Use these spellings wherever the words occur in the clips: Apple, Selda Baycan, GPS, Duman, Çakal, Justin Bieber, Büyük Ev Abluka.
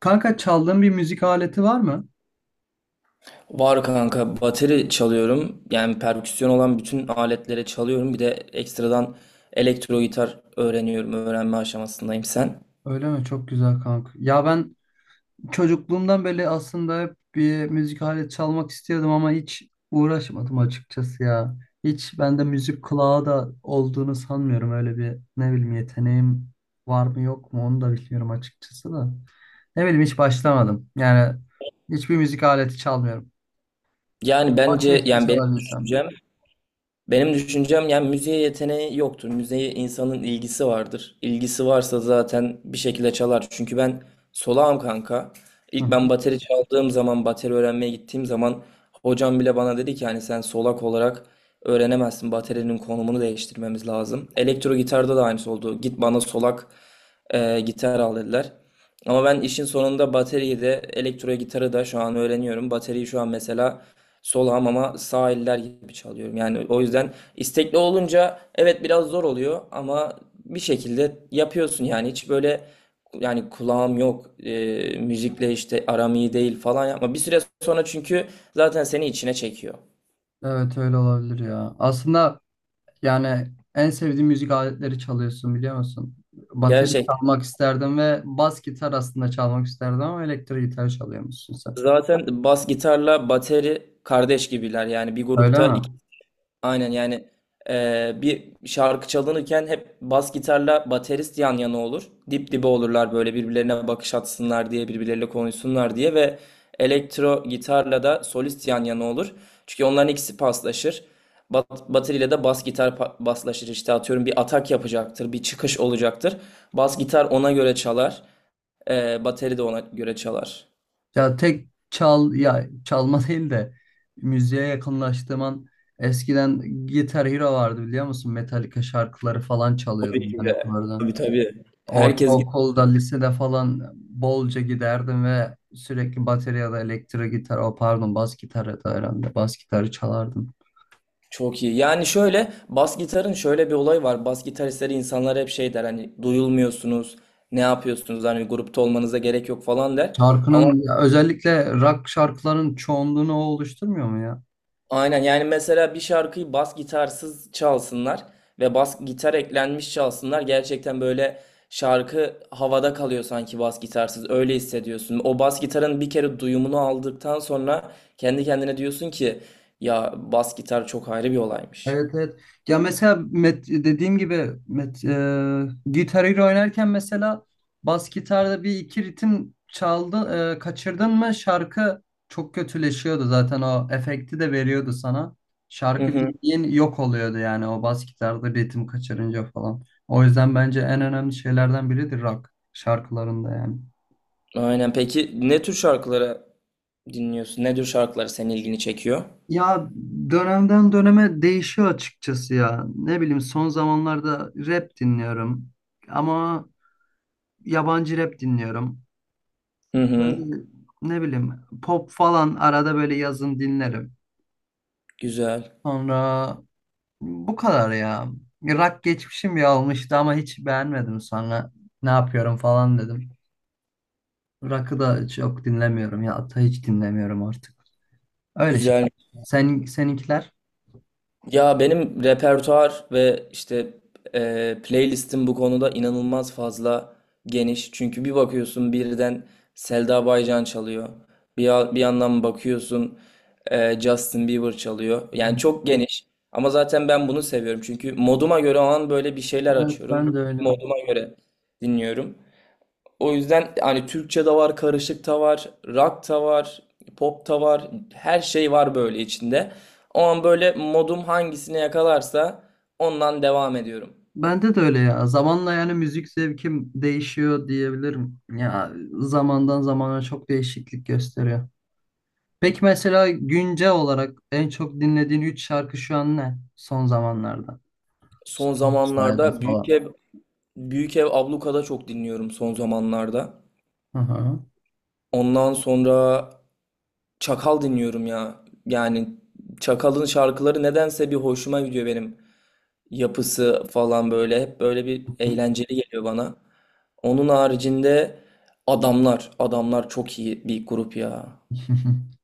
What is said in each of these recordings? Kanka çaldığın bir müzik aleti var mı? Var kanka, bateri çalıyorum. Yani perküsyon olan bütün aletlere çalıyorum. Bir de ekstradan elektro gitar öğreniyorum. Öğrenme aşamasındayım sen. Öyle mi? Çok güzel kanka. Ya ben çocukluğumdan beri aslında hep bir müzik aleti çalmak istiyordum ama hiç uğraşmadım açıkçası ya. Hiç bende müzik kulağı da olduğunu sanmıyorum. Öyle bir ne bileyim yeteneğim var mı yok mu onu da bilmiyorum açıkçası da. Ne bileyim hiç başlamadım. Yani hiçbir müzik aleti çalmıyorum. Yani Ama bence keşke yani benim çalabilsem. düşüncem. Benim düşüncem, yani müziğe yeteneği yoktur. Müziğe insanın ilgisi vardır. İlgisi varsa zaten bir şekilde çalar. Çünkü ben solağım kanka. Hı İlk ben hı. bateri çaldığım zaman, bateri öğrenmeye gittiğim zaman hocam bile bana dedi ki hani sen solak olarak öğrenemezsin. Baterinin konumunu değiştirmemiz lazım. Elektro gitarda da aynısı oldu. Git bana solak gitar al dediler. Ama ben işin sonunda bateriyi de elektro gitarı da şu an öğreniyorum. Bateriyi şu an mesela sol hamama sağ eller gibi çalıyorum. Yani o yüzden istekli olunca evet biraz zor oluyor ama bir şekilde yapıyorsun. Yani hiç böyle yani kulağım yok, müzikle işte aram iyi değil falan yapma. Bir süre sonra çünkü zaten seni içine çekiyor. Evet öyle olabilir ya. Aslında yani en sevdiğim müzik aletleri çalıyorsun biliyor musun? Bateri Gerçek. çalmak isterdim ve bas gitar aslında çalmak isterdim ama elektrik gitar çalıyormuşsun sen. Zaten bas gitarla bateri kardeş gibiler yani bir Öyle grupta. mi? Aynen yani, bir şarkı çalınırken hep bas gitarla baterist yan yana olur. Dip dibe olurlar böyle, birbirlerine bakış atsınlar diye, birbirleriyle konuşsunlar diye. Ve elektro gitarla da solist yan yana olur. Çünkü onların ikisi paslaşır. Bateriyle de bas gitar paslaşır. İşte atıyorum, bir atak yapacaktır, bir çıkış olacaktır. Bas gitar ona göre çalar. Bateri de ona göre çalar. Ya tek çal ya çalma değil de müziğe yakınlaştığım an eskiden Guitar Hero vardı biliyor musun? Metallica şarkıları falan çalıyordum Tabii ki ben hep de. orada. Tabii, tabii. Herkes. Ortaokulda, lisede falan bolca giderdim ve sürekli bateri ya da elektro gitar, o pardon bas gitar ya da herhalde bas gitarı çalardım. Çok iyi. Yani şöyle, bas gitarın şöyle bir olayı var. Bas gitaristleri insanlar hep şey der, hani duyulmuyorsunuz, ne yapıyorsunuz, hani grupta olmanıza gerek yok falan der. Ama Şarkının ya özellikle rock şarkıların çoğunluğunu o oluşturmuyor mu ya? aynen yani, mesela bir şarkıyı bas gitarsız çalsınlar ve bas gitar eklenmiş çalsınlar. Gerçekten böyle şarkı havada kalıyor sanki bas gitarsız. Öyle hissediyorsun. O bas gitarın bir kere duyumunu aldıktan sonra kendi kendine diyorsun ki ya, bas gitar çok ayrı bir olaymış. Evet evet. Ya mesela met, dediğim gibi met, e, Guitar Hero oynarken mesela bas gitarda bir iki ritim çaldı, kaçırdın mı şarkı çok kötüleşiyordu zaten o efekti de veriyordu sana. Şarkı bildiğin yok oluyordu yani o bas gitarda ritim kaçırınca falan. O yüzden bence en önemli şeylerden biridir rock şarkılarında yani. Aynen. Peki ne tür şarkıları dinliyorsun? Ne tür şarkıları senin ilgini çekiyor? Ya dönemden döneme değişiyor açıkçası ya. Ne bileyim son zamanlarda rap dinliyorum ama yabancı rap dinliyorum. Hı hı. Böyle ne bileyim pop falan arada böyle yazın dinlerim. Güzel. Sonra bu kadar ya. Rock geçmişim bir olmuştu ama hiç beğenmedim sonra. Ne yapıyorum falan dedim. Rock'ı da çok dinlemiyorum ya. Hatta hiç dinlemiyorum artık. Öyle şey. Güzel. Sen, seninkiler? Ya, benim repertuar ve işte playlistim bu konuda inanılmaz fazla geniş. Çünkü bir bakıyorsun birden Selda Baycan çalıyor. Bir, bir yandan bakıyorsun Justin Bieber çalıyor. Hı Yani hı. çok geniş. Ama zaten ben bunu seviyorum. Çünkü moduma göre o an böyle bir şeyler Evet açıyorum. ben de öyle. Moduma göre dinliyorum. O yüzden hani Türkçe de var, karışık da var, rock da var, pop da var. Her şey var böyle içinde. O an böyle modum hangisine yakalarsa ondan devam ediyorum. Bende de öyle ya. Zamanla yani müzik zevkim değişiyor diyebilirim. Ya zamandan zamana çok değişiklik gösteriyor. Peki mesela güncel olarak en çok dinlediğin 3 şarkı şu an ne? Son zamanlarda. Son Bayağı zamanlarda Büyük falan. Ev, Büyük Ev Abluka'da çok dinliyorum son zamanlarda. Hı hı. Ondan sonra Çakal dinliyorum ya. Yani Çakal'ın şarkıları nedense bir hoşuma gidiyor benim. Yapısı falan böyle hep böyle bir eğlenceli geliyor bana. Onun haricinde adamlar, adamlar çok iyi bir grup ya.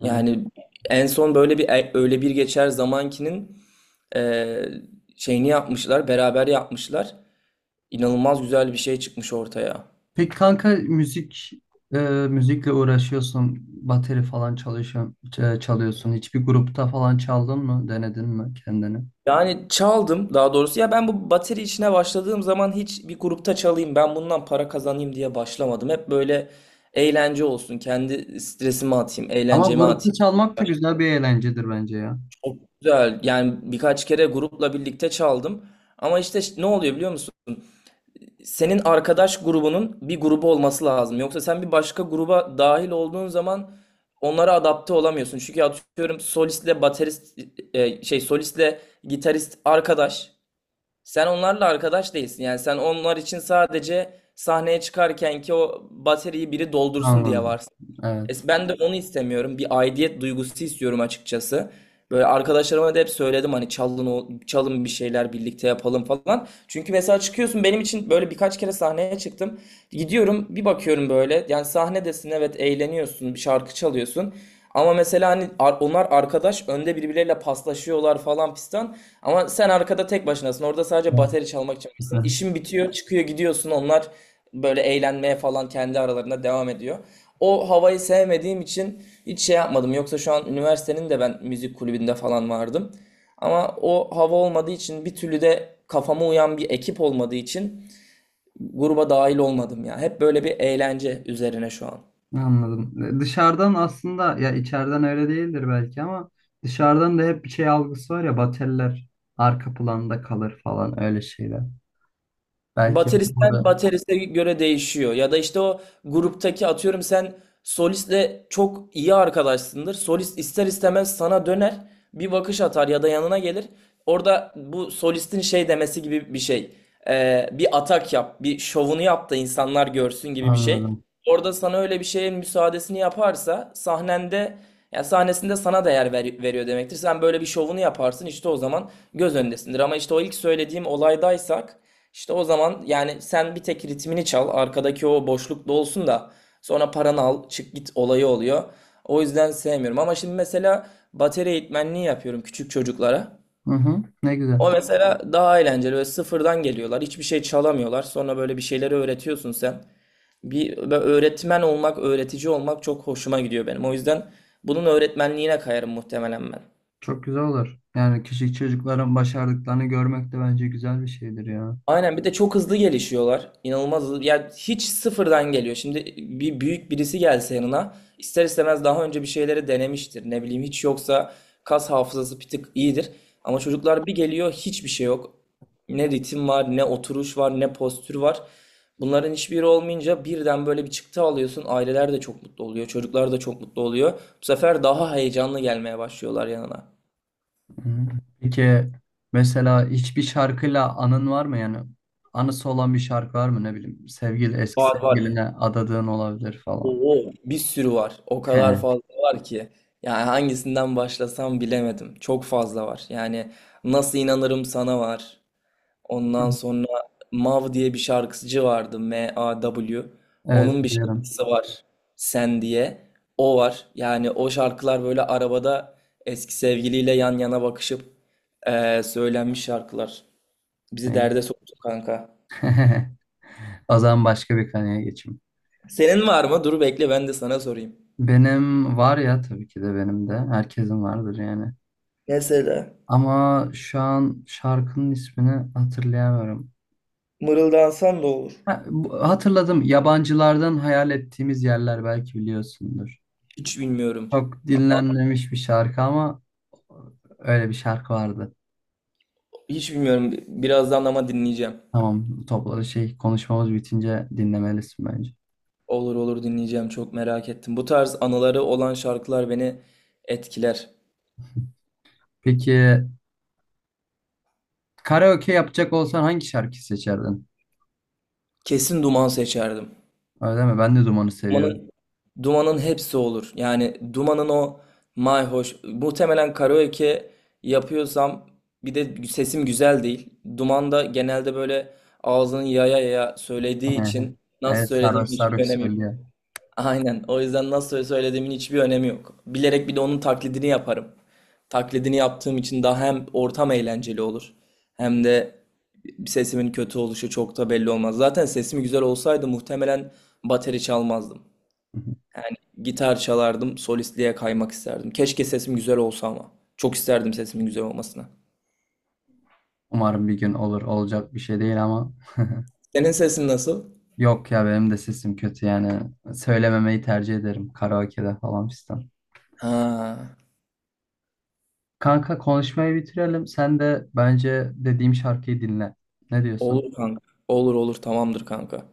Evet. Yani en son böyle bir öyle bir geçer zamankinin e, şeyini yapmışlar, beraber yapmışlar. İnanılmaz güzel bir şey çıkmış ortaya. Peki kanka müzik e, müzikle uğraşıyorsun, bateri falan çalışıyorsun, çalıyorsun. Hiçbir grupta falan çaldın mı? Denedin mi kendini? Yani çaldım, daha doğrusu ya ben bu bateri işine başladığım zaman hiç bir grupta çalayım, ben bundan para kazanayım diye başlamadım. Hep böyle eğlence olsun, kendi stresimi atayım, Ama eğlencemi atayım. grupta çalmak da güzel bir eğlencedir bence ya. Çok güzel. Yani birkaç kere grupla birlikte çaldım. Ama işte ne oluyor biliyor musun? Senin arkadaş grubunun bir grubu olması lazım. Yoksa sen bir başka gruba dahil olduğun zaman onlara adapte olamıyorsun. Çünkü atıyorum solistle baterist, solistle gitarist arkadaş. Sen onlarla arkadaş değilsin. Yani sen onlar için sadece sahneye çıkarken ki o bateriyi biri doldursun diye. Anladım. Evet. Ben de onu istemiyorum. Bir aidiyet duygusu istiyorum açıkçası. Böyle arkadaşlarıma da hep söyledim hani çalın o, çalın bir şeyler birlikte yapalım falan. Çünkü mesela çıkıyorsun, benim için böyle birkaç kere sahneye çıktım. Gidiyorum, bir bakıyorum böyle, yani sahnedesin, evet eğleniyorsun, bir şarkı çalıyorsun. Ama mesela hani onlar arkadaş önde birbirleriyle paslaşıyorlar falan pistan. Ama sen arkada tek başınasın, orada sadece Evet. bateri çalmak için varsın. Heh, İşin bitiyor, çıkıyor gidiyorsun, onlar böyle eğlenmeye falan kendi aralarında devam ediyor. O havayı sevmediğim için hiç şey yapmadım. Yoksa şu an üniversitenin de ben müzik kulübünde falan vardım. Ama o hava olmadığı için, bir türlü de kafama uyan bir ekip olmadığı için gruba dahil olmadım ya. Hep böyle bir eğlence üzerine şu an. anladım. E, dışarıdan aslında ya içeriden öyle değildir belki ama dışarıdan da hep bir şey algısı var ya bateller arka planda kalır falan öyle şeyler. Belki Bateristen burada. bateriste göre değişiyor. Ya da işte o gruptaki atıyorum sen solistle çok iyi arkadaşsındır. Solist ister istemez sana döner, bir bakış atar ya da yanına gelir. Orada bu solistin şey demesi gibi bir şey. Bir atak yap, bir şovunu yap da insanlar görsün gibi bir şey. Anladım. Orada sana öyle bir şeyin müsaadesini yaparsa sahnende, ya sahnesinde sana değer veriyor demektir. Sen böyle bir şovunu yaparsın, işte o zaman göz önündesindir. Ama işte o ilk söylediğim olaydaysak işte o zaman yani sen bir tek ritmini çal, arkadaki o boşluk dolsun da sonra paranı al, çık git olayı oluyor. O yüzden sevmiyorum. Ama şimdi mesela bateri eğitmenliği yapıyorum küçük çocuklara. Hı hı. Ne güzel. O mesela daha eğlenceli ve sıfırdan geliyorlar. Hiçbir şey çalamıyorlar. Sonra böyle bir şeyleri öğretiyorsun sen. Bir böyle öğretmen olmak, öğretici olmak çok hoşuma gidiyor benim. O yüzden bunun öğretmenliğine kayarım muhtemelen ben. Çok güzel olur. Yani küçük çocukların başardıklarını görmek de bence güzel bir şeydir ya. Aynen, bir de çok hızlı gelişiyorlar. İnanılmaz hızlı. Yani hiç sıfırdan geliyor. Şimdi bir büyük birisi gelse yanına ister istemez daha önce bir şeyleri denemiştir. Ne bileyim, hiç yoksa kas hafızası bir tık iyidir. Ama çocuklar bir geliyor, hiçbir şey yok. Ne ritim var, ne oturuş var, ne postür var. Bunların hiçbiri olmayınca birden böyle bir çıktı alıyorsun. Aileler de çok mutlu oluyor. Çocuklar da çok mutlu oluyor. Bu sefer daha heyecanlı gelmeye başlıyorlar yanına. Hı hı. Peki mesela hiçbir şarkıyla anın var mı yani? Anısı olan bir şarkı var mı ne bileyim? Sevgili eski Var, var. sevgiline adadığın olabilir falan. Oo, bir sürü var. O He. kadar fazla var ki. Yani hangisinden başlasam bilemedim. Çok fazla var. Yani Nasıl İnanırım Sana var. Ondan sonra Mav diye bir şarkıcı vardı. MAW. Evet Onun bir biliyorum. şarkısı var. Sen diye. O var. Yani o şarkılar böyle arabada eski sevgiliyle yan yana bakışıp, söylenmiş şarkılar. Bizi derde soktu kanka. O zaman başka bir konuya geçeyim. Senin var mı? Dur bekle, ben de sana sorayım. Benim var ya tabii ki de benim de. Herkesin vardır yani. Mesela Ama şu an şarkının ismini hatırlayamıyorum. mırıldansan da olur. Ha, hatırladım. Yabancılardan hayal ettiğimiz yerler belki biliyorsundur. Hiç bilmiyorum. Çok dinlenmemiş bir şarkı ama öyle bir şarkı vardı. Hiç bilmiyorum. Birazdan ama dinleyeceğim. Tamam topladı şey konuşmamız bitince dinlemelisin bence. Olur, olur, dinleyeceğim. Çok merak ettim. Bu tarz anıları olan şarkılar beni etkiler. Peki karaoke yapacak olsan hangi şarkı seçerdin? Kesin Duman seçerdim. Öyle mi? Ben de dumanı seviyorum. Duman'ın Duman'ın hepsi olur. Yani Duman'ın o mayhoş, muhtemelen karaoke yapıyorsam, bir de sesim güzel değil. Duman da genelde böyle ağzını yaya yaya söylediği için nasıl Evet söylediğim sarhoş hiçbir sarhoş önemi. söylüyor. Aynen. O yüzden nasıl söylediğimin hiçbir önemi yok. Bilerek bir de onun taklidini yaparım. Taklidini yaptığım için daha hem ortam eğlenceli olur, hem de sesimin kötü oluşu çok da belli olmaz. Zaten sesim güzel olsaydı muhtemelen bateri çalmazdım. Gitar çalardım, solistliğe kaymak isterdim. Keşke sesim güzel olsa ama. Çok isterdim sesimin güzel olmasına. Umarım bir gün olur. Olacak bir şey değil ama Senin sesin nasıl? yok ya benim de sesim kötü yani. Söylememeyi tercih ederim karaoke'de falan fistan. Ha, Kanka konuşmayı bitirelim. Sen de bence dediğim şarkıyı dinle. Ne olur diyorsun? kanka. Olur, olur, tamamdır kanka.